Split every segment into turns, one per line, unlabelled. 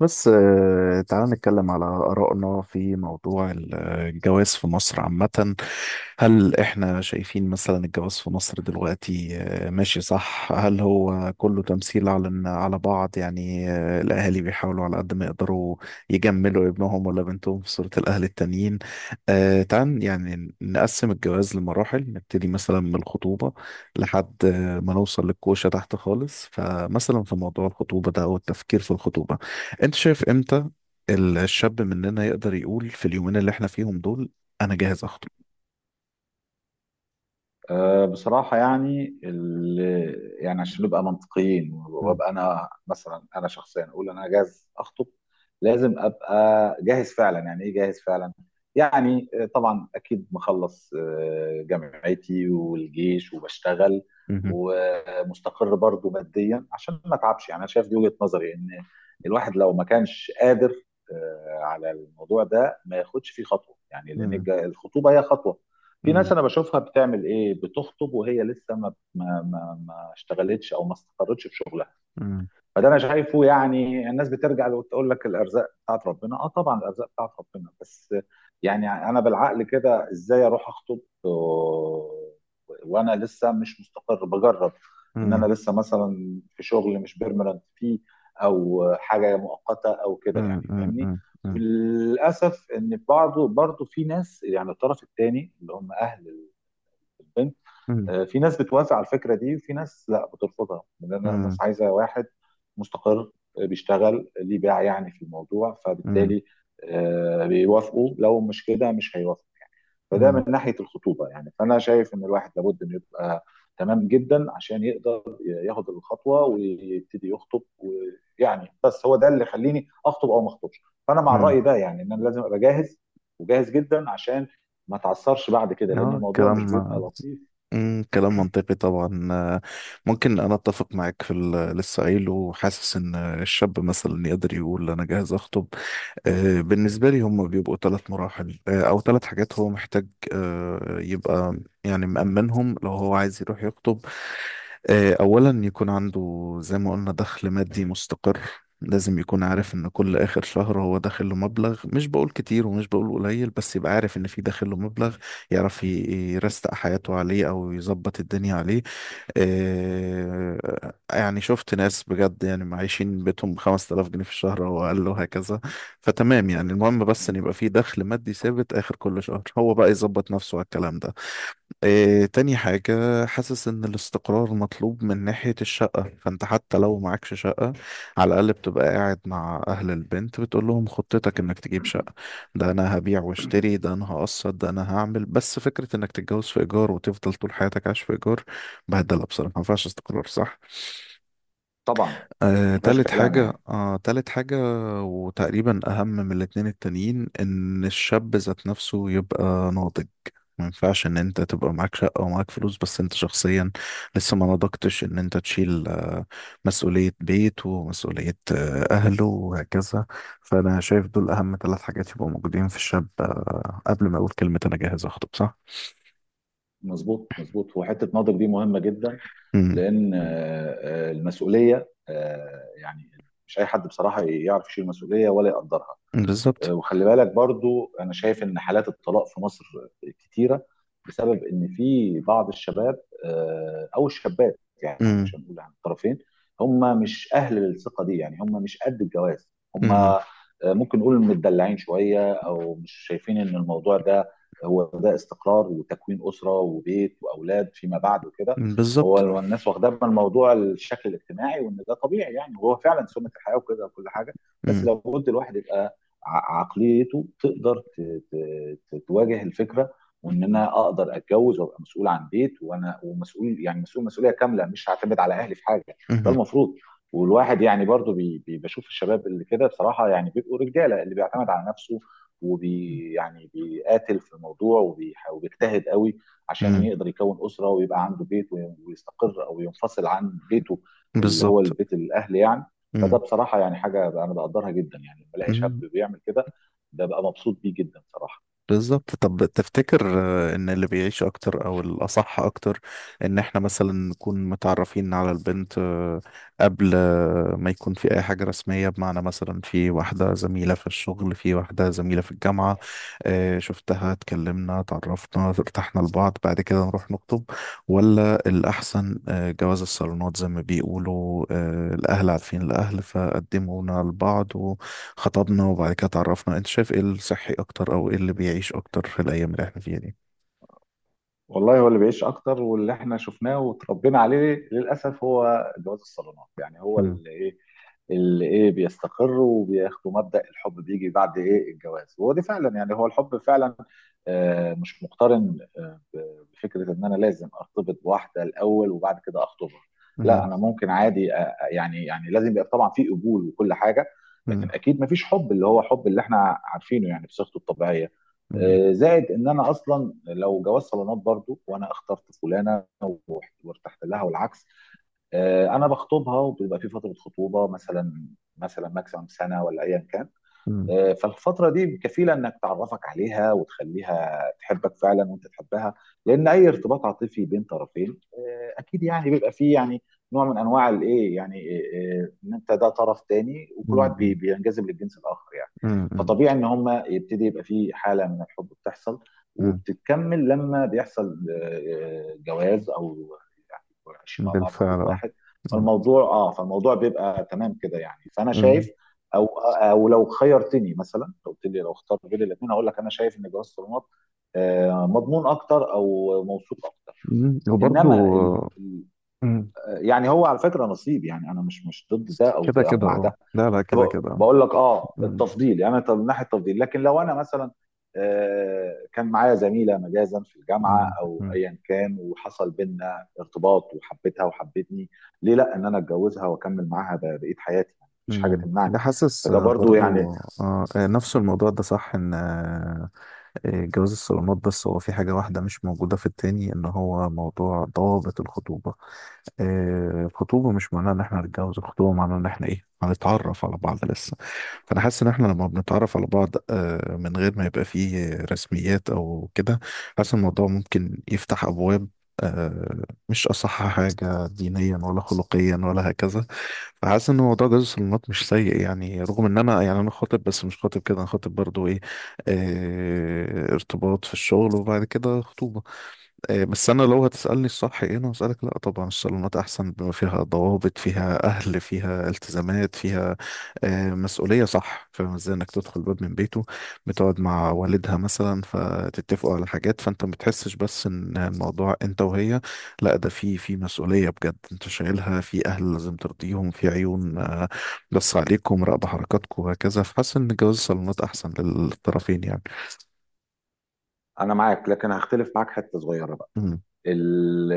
بس تعال نتكلم على آرائنا في موضوع الجواز في مصر عامة. هل احنا شايفين مثلا الجواز في مصر دلوقتي ماشي؟ صح، هل هو كله تمثيل على بعض؟ يعني الأهالي بيحاولوا على قد ما يقدروا يجملوا ابنهم ولا بنتهم في صورة الأهل التانيين. تعال يعني نقسم الجواز لمراحل، نبتدي مثلا من الخطوبة لحد ما نوصل للكوشة تحت خالص. فمثلا في موضوع الخطوبة ده أو التفكير في الخطوبة، انت شايف امتى الشاب مننا يقدر يقول في اليومين اللي احنا فيهم دول: انا جاهز اخطب؟
بصراحة يعني عشان نبقى منطقيين
مم.
وابقى أنا مثلا أنا شخصيا أقول أنا جاهز أخطب، لازم أبقى جاهز فعلا. يعني إيه جاهز فعلا؟ يعني طبعا أكيد مخلص جامعتي والجيش وبشتغل
مهم.
ومستقر برضو ماديا عشان ما أتعبش. يعني أنا شايف دي وجهة نظري إن الواحد لو ما كانش قادر على الموضوع ده ما ياخدش فيه خطوة، يعني لأن
مم.
الخطوبة هي خطوة. في
مم.
ناس انا بشوفها بتعمل ايه، بتخطب وهي لسه ما اشتغلتش او ما استقرتش في شغلها.
مم.
فده انا شايفه، يعني الناس بترجع وتقول لك الارزاق بتاعت ربنا، اه طبعا الارزاق بتاعت ربنا، بس يعني انا بالعقل كده ازاي اروح اخطب وانا لسه مش مستقر؟ بجرب ان انا
مم.
لسه مثلا في شغل مش بيرمننت فيه، او حاجه مؤقته او كده،
مم.
يعني
مم.
فاهمني.
مم. مم.
وللاسف ان برضه في ناس يعني الطرف الثاني اللي هم اهل البنت،
مم.
في ناس بتوافق على الفكره دي وفي ناس لا بترفضها، لان الناس عايزه واحد مستقر بيشتغل ليه باع يعني في الموضوع،
مم.
فبالتالي بيوافقوا، لو مش كده مش هيوافقوا يعني. فده
مم.
من ناحيه الخطوبه، يعني فانا شايف ان الواحد لابد انه يبقى تمام جدا عشان يقدر ياخد الخطوه ويبتدي يخطب، ويعني بس هو ده اللي يخليني اخطب او ما اخطبش. فانا مع
مم.
الراي ده، يعني ان انا لازم ابقى جاهز وجاهز جدا عشان ما تعثرش بعد كده، لان
اه،
الموضوع
كلام
مش بيبقى لطيف.
امم كلام منطقي طبعا. ممكن انا اتفق معاك في اللي لسه قايله، وحاسس ان الشاب مثلا يقدر يقول انا جاهز اخطب. بالنسبة لي هم بيبقوا ثلاث مراحل، أو ثلاث حاجات هو محتاج يبقى يعني مأمنهم لو هو عايز يروح يخطب. أولا، يكون عنده زي ما قلنا دخل مادي مستقر. لازم يكون عارف إن كل آخر شهر هو داخل له مبلغ، مش بقول كتير ومش بقول قليل، بس يبقى عارف إن في داخل له مبلغ، يعرف يرستق حياته عليه أو يظبط الدنيا عليه. يعني شفت ناس بجد يعني معيشين بيتهم ب 5000 جنيه في الشهر او اقل، وهكذا. فتمام، يعني المهم بس ان يبقى في دخل مادي ثابت اخر كل شهر، هو بقى يظبط نفسه على الكلام ده. إيه تاني حاجة؟ حاسس إن الاستقرار مطلوب من ناحية الشقة. فأنت حتى لو معكش شقة، على الأقل بتبقى قاعد مع أهل البنت بتقول لهم خطتك إنك تجيب شقة: ده أنا هبيع واشتري، ده أنا هقسط، ده أنا هعمل. بس فكرة إنك تتجوز في إيجار وتفضل طول حياتك عايش في إيجار بهدلة بصراحة، ما ينفعش. استقرار، صح.
طبعا ما فيهاش كلام يعني.
تالت حاجة، وتقريبا أهم من الاتنين التانيين، إن الشاب ذات نفسه يبقى ناضج. ما ينفعش إن أنت تبقى معاك شقة ومعاك فلوس بس أنت شخصيا لسه ما نضجتش إن أنت تشيل مسؤولية بيت ومسؤولية أهله وهكذا. فأنا شايف دول أهم تلات حاجات يبقوا موجودين في الشاب قبل ما أقول كلمة أنا جاهز أخطب، صح؟
مظبوط مظبوط، وحته ناضج دي مهمه جدا،
امم.
لان المسؤوليه يعني مش اي حد بصراحه يعرف يشيل مسؤوليه ولا يقدرها.
بالظبط.
وخلي بالك برضو انا شايف ان حالات الطلاق في مصر كتيره بسبب ان في بعض الشباب او الشابات، يعني مش
امم.
هنقول عن الطرفين، هم مش اهل الثقه دي، يعني هم مش قد الجواز. هم
امم.
آه، ممكن نقول متدلعين شويه او مش شايفين ان الموضوع ده هو ده استقرار وتكوين اسره وبيت واولاد فيما بعد وكده.
بالظبط.
هو الناس واخداه من الموضوع الشكل الاجتماعي وان ده طبيعي يعني، وهو فعلا سنه الحياه وكده وكل حاجه. بس
امم.
لو قلت الواحد يبقى عقليته تقدر تواجه الفكره، وان انا اقدر اتجوز وابقى مسؤول عن بيت، وانا ومسؤول يعني مسؤول مسؤوليه كامله، مش هعتمد على اهلي في حاجه. ده
امم.
المفروض. والواحد يعني برضو بشوف الشباب اللي كده، بصراحه يعني بيبقوا رجاله اللي بيعتمد على نفسه، يعني بيقاتل في الموضوع وبيجتهد قوي عشان
امم.
يقدر يكون اسره ويبقى عنده بيت ويستقر او ينفصل عن بيته، اللي هو
بالظبط.
البيت الاهل يعني. فده
مم.
بصراحه يعني حاجه انا بقدرها جدا، يعني لما الاقي شاب
مم.
بيعمل كده ده بقى مبسوط بيه جدا صراحه.
بالظبط. طب، تفتكر ان اللي بيعيش اكتر او الاصح اكتر ان احنا مثلا نكون متعرفين على البنت قبل ما يكون في اي حاجة رسمية؟ بمعنى، مثلا في واحدة زميلة في الشغل، في واحدة زميلة في الجامعة، شفتها، اتكلمنا، اتعرفنا، ارتحنا لبعض، بعد كده نروح نخطب؟ ولا الاحسن جواز الصالونات، زي ما بيقولوا، الاهل عارفين الاهل، فقدمونا لبعض، خطبنا وبعد كده اتعرفنا؟ انت شايف ايه الصحي اكتر، او ايه اللي بيعيش اكتر في الايام اللي احنا فيها دي؟
والله هو اللي بيعيش اكتر واللي احنا شفناه وتربينا عليه للاسف هو جواز الصالونات، يعني هو
مم.
اللي ايه اللي ايه بيستقر، وبياخدوا مبدأ الحب بيجي بعد ايه الجواز، وهو دي فعلا يعني هو الحب فعلا مش مقترن بفكرة ان انا لازم ارتبط بواحدة الاول وبعد كده اخطبها. لا
مم.
انا ممكن عادي يعني لازم يبقى طبعا في قبول وكل حاجة،
مم.
لكن اكيد مفيش حب اللي هو حب اللي احنا عارفينه يعني بصيغته الطبيعية.
مم.
زائد ان انا اصلا لو جواز صالونات برضو وانا اخترت فلانه وارتحت لها والعكس، انا بخطبها وبيبقى في فتره خطوبه مثلا، ماكسيمم سنه ولا ايا كان.
مم.
فالفترة دي كفيلة انك تعرفك عليها وتخليها تحبك فعلا وانت تحبها، لان اي ارتباط عاطفي بين طرفين اكيد يعني بيبقى فيه يعني نوع من انواع الايه، يعني ان انت ده طرف تاني وكل واحد
مم.
بينجذب للجنس الاخر يعني.
مم. مم.
فطبيعي ان هما يبتدي يبقى فيه حالة من الحب بتحصل وبتتكمل لما بيحصل جواز، او يعني يكونوا عايشين
مم.
مع بعض في بيت
بالفعل، اه.
واحد.
مم.
فالموضوع اه فالموضوع بيبقى تمام كده يعني، فانا
مم.
شايف، او او لو خيرتني، مثلا لو قلت لي لو اختار بين الاثنين، هقول لك انا شايف ان جواز الصالونات مضمون اكتر او موثوق اكتر.
مم. وبرضو،
انما
مم.
يعني هو على فكره نصيب، يعني انا مش مش ضد ده او
كده
ده او
كده،
مع
اه.
ده.
لا لا،
طب
كده كده، اه.
بقول لك اه
مم.
التفضيل يعني، طب من ناحيه التفضيل، لكن لو انا مثلا كان معايا زميله مجازا في الجامعه
مم.
او
مم.
ايا كان وحصل بينا ارتباط وحبيتها وحبتني، ليه لا ان انا اتجوزها واكمل معاها بقيه حياتي؟ يعني مفيش حاجه
مم.
تمنعني.
ده، حاسس
فده برضو يعني.
برضو، نفس الموضوع ده، صح. ان جواز الصالونات، بس هو في حاجة واحدة مش موجودة في التاني، ان هو موضوع ضوابط الخطوبة. الخطوبة مش معناها ان احنا هنتجوز، الخطوبة معناها ان احنا ايه، هنتعرف على بعض لسه. فانا حاسس ان احنا لما بنتعرف على بعض من غير ما يبقى فيه رسميات او كده، حاسس إن الموضوع ممكن يفتح ابواب، مش اصح حاجة دينيا ولا خلقيا ولا هكذا. فحاسس ان موضوع جواز الصالونات مش سيء، يعني رغم ان انا يعني انا خاطب، بس مش خاطب كده، انا خاطب برضو ايه، ارتباط في الشغل وبعد كده خطوبة. إيه، بس انا لو هتسالني الصح ايه، انا هسالك: لا، طبعا الصالونات احسن، بما فيها ضوابط، فيها اهل، فيها التزامات، فيها مسؤوليه، صح. فاهم ازاي انك تدخل باب من بيته، بتقعد مع والدها مثلا، فتتفقوا على حاجات، فانت ما بتحسش بس ان الموضوع انت وهي، لا، ده في مسؤوليه بجد انت شايلها، في اهل لازم ترضيهم، في عيون بس عليكم، راقبه حركاتكم وهكذا. فحاسس ان جواز الصالونات احسن للطرفين يعني.
انا معاك، لكن هختلف معاك حته صغيره بقى.
امم.
ال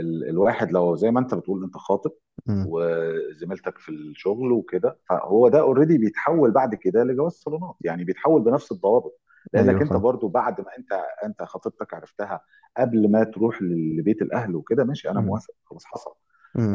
ال الواحد لو زي ما انت بتقول انت خاطب
امم.
وزميلتك في الشغل وكده، فهو ده اوريدي بيتحول بعد كده لجواز صالونات، يعني بيتحول بنفس الضوابط،
ايوه،
لانك انت
فاهم.
برضو بعد ما انت خطيبتك عرفتها قبل ما تروح لبيت الاهل وكده، ماشي انا موافق خلاص حصل.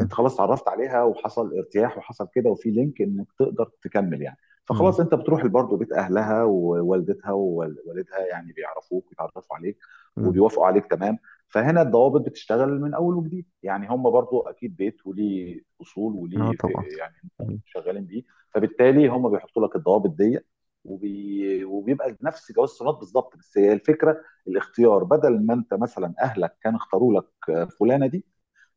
انت خلاص اتعرفت عليها وحصل ارتياح وحصل كده وفي لينك انك تقدر تكمل يعني.
امم.
فخلاص انت بتروح برضه بيت اهلها ووالدتها ووالدها، يعني بيعرفوك ويتعرفوا عليك
مم.
وبيوافقوا عليك تمام. فهنا الضوابط بتشتغل من اول وجديد، يعني هم برضو اكيد بيت وليه اصول
اه،
وليه
طبعا.
يعني
مم.
شغالين بيه، فبالتالي هم بيحطوا لك الضوابط دي، وبيبقى نفس جواز الصالونات بالظبط. بس هي الفكره الاختيار، بدل ما انت مثلا اهلك كان اختاروا لك فلانه دي،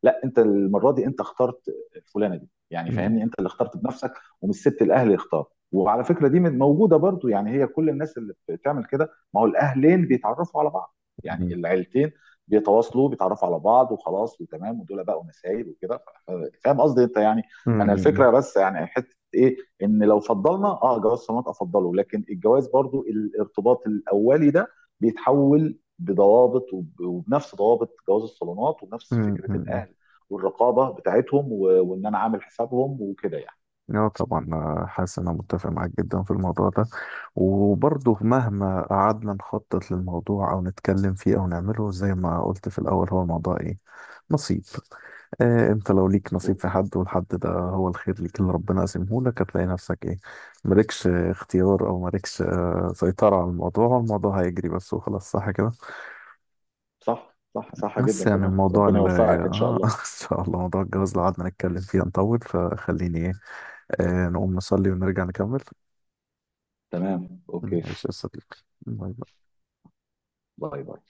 لا انت المره دي انت اخترت فلانه دي، يعني
مم.
فاهمني انت اللي اخترت بنفسك ومش سبت الاهل يختار. وعلى فكره دي موجوده برضو، يعني هي كل الناس اللي بتعمل كده، ما هو الاهلين بيتعرفوا على بعض يعني،
مم.
العيلتين بيتواصلوا بيتعرفوا على بعض وخلاص وتمام ودول بقوا نسايب وكده، فاهم قصدي انت يعني. انا
مم.
الفكره بس يعني حته ايه، ان لو فضلنا اه جواز صالونات افضله، لكن الجواز برضو الارتباط الاولي ده بيتحول بضوابط وبنفس ضوابط جواز الصالونات وبنفس
مم.
فكره
مم.
الاهل والرقابه بتاعتهم، وان انا عامل حسابهم وكده يعني.
اه، طبعا، حاسس انا متفق معاك جدا في الموضوع ده. وبرضه مهما قعدنا نخطط للموضوع او نتكلم فيه او نعمله، زي ما قلت في الاول، هو الموضوع ايه، نصيب. آه، انت لو ليك نصيب في
مظبوط.
حد، والحد ده هو الخير ليك اللي ربنا قاسمه لك، هتلاقي نفسك ايه، مالكش اختيار او مالكش، آه، سيطرة على الموضوع. الموضوع هيجري بس وخلاص، صح كده؟
صح صح صح
بس
جدا.
يعني،
كمان
الموضوع
ربنا
ال
يوفقك ان شاء
اه ان
الله.
شاء الله موضوع الجواز لو قعدنا نتكلم فيه هنطول، فخليني ايه، نقوم نصلي ونرجع نكمل.
تمام اوكي.
ماشي يا صديقي. باي باي.
باي باي.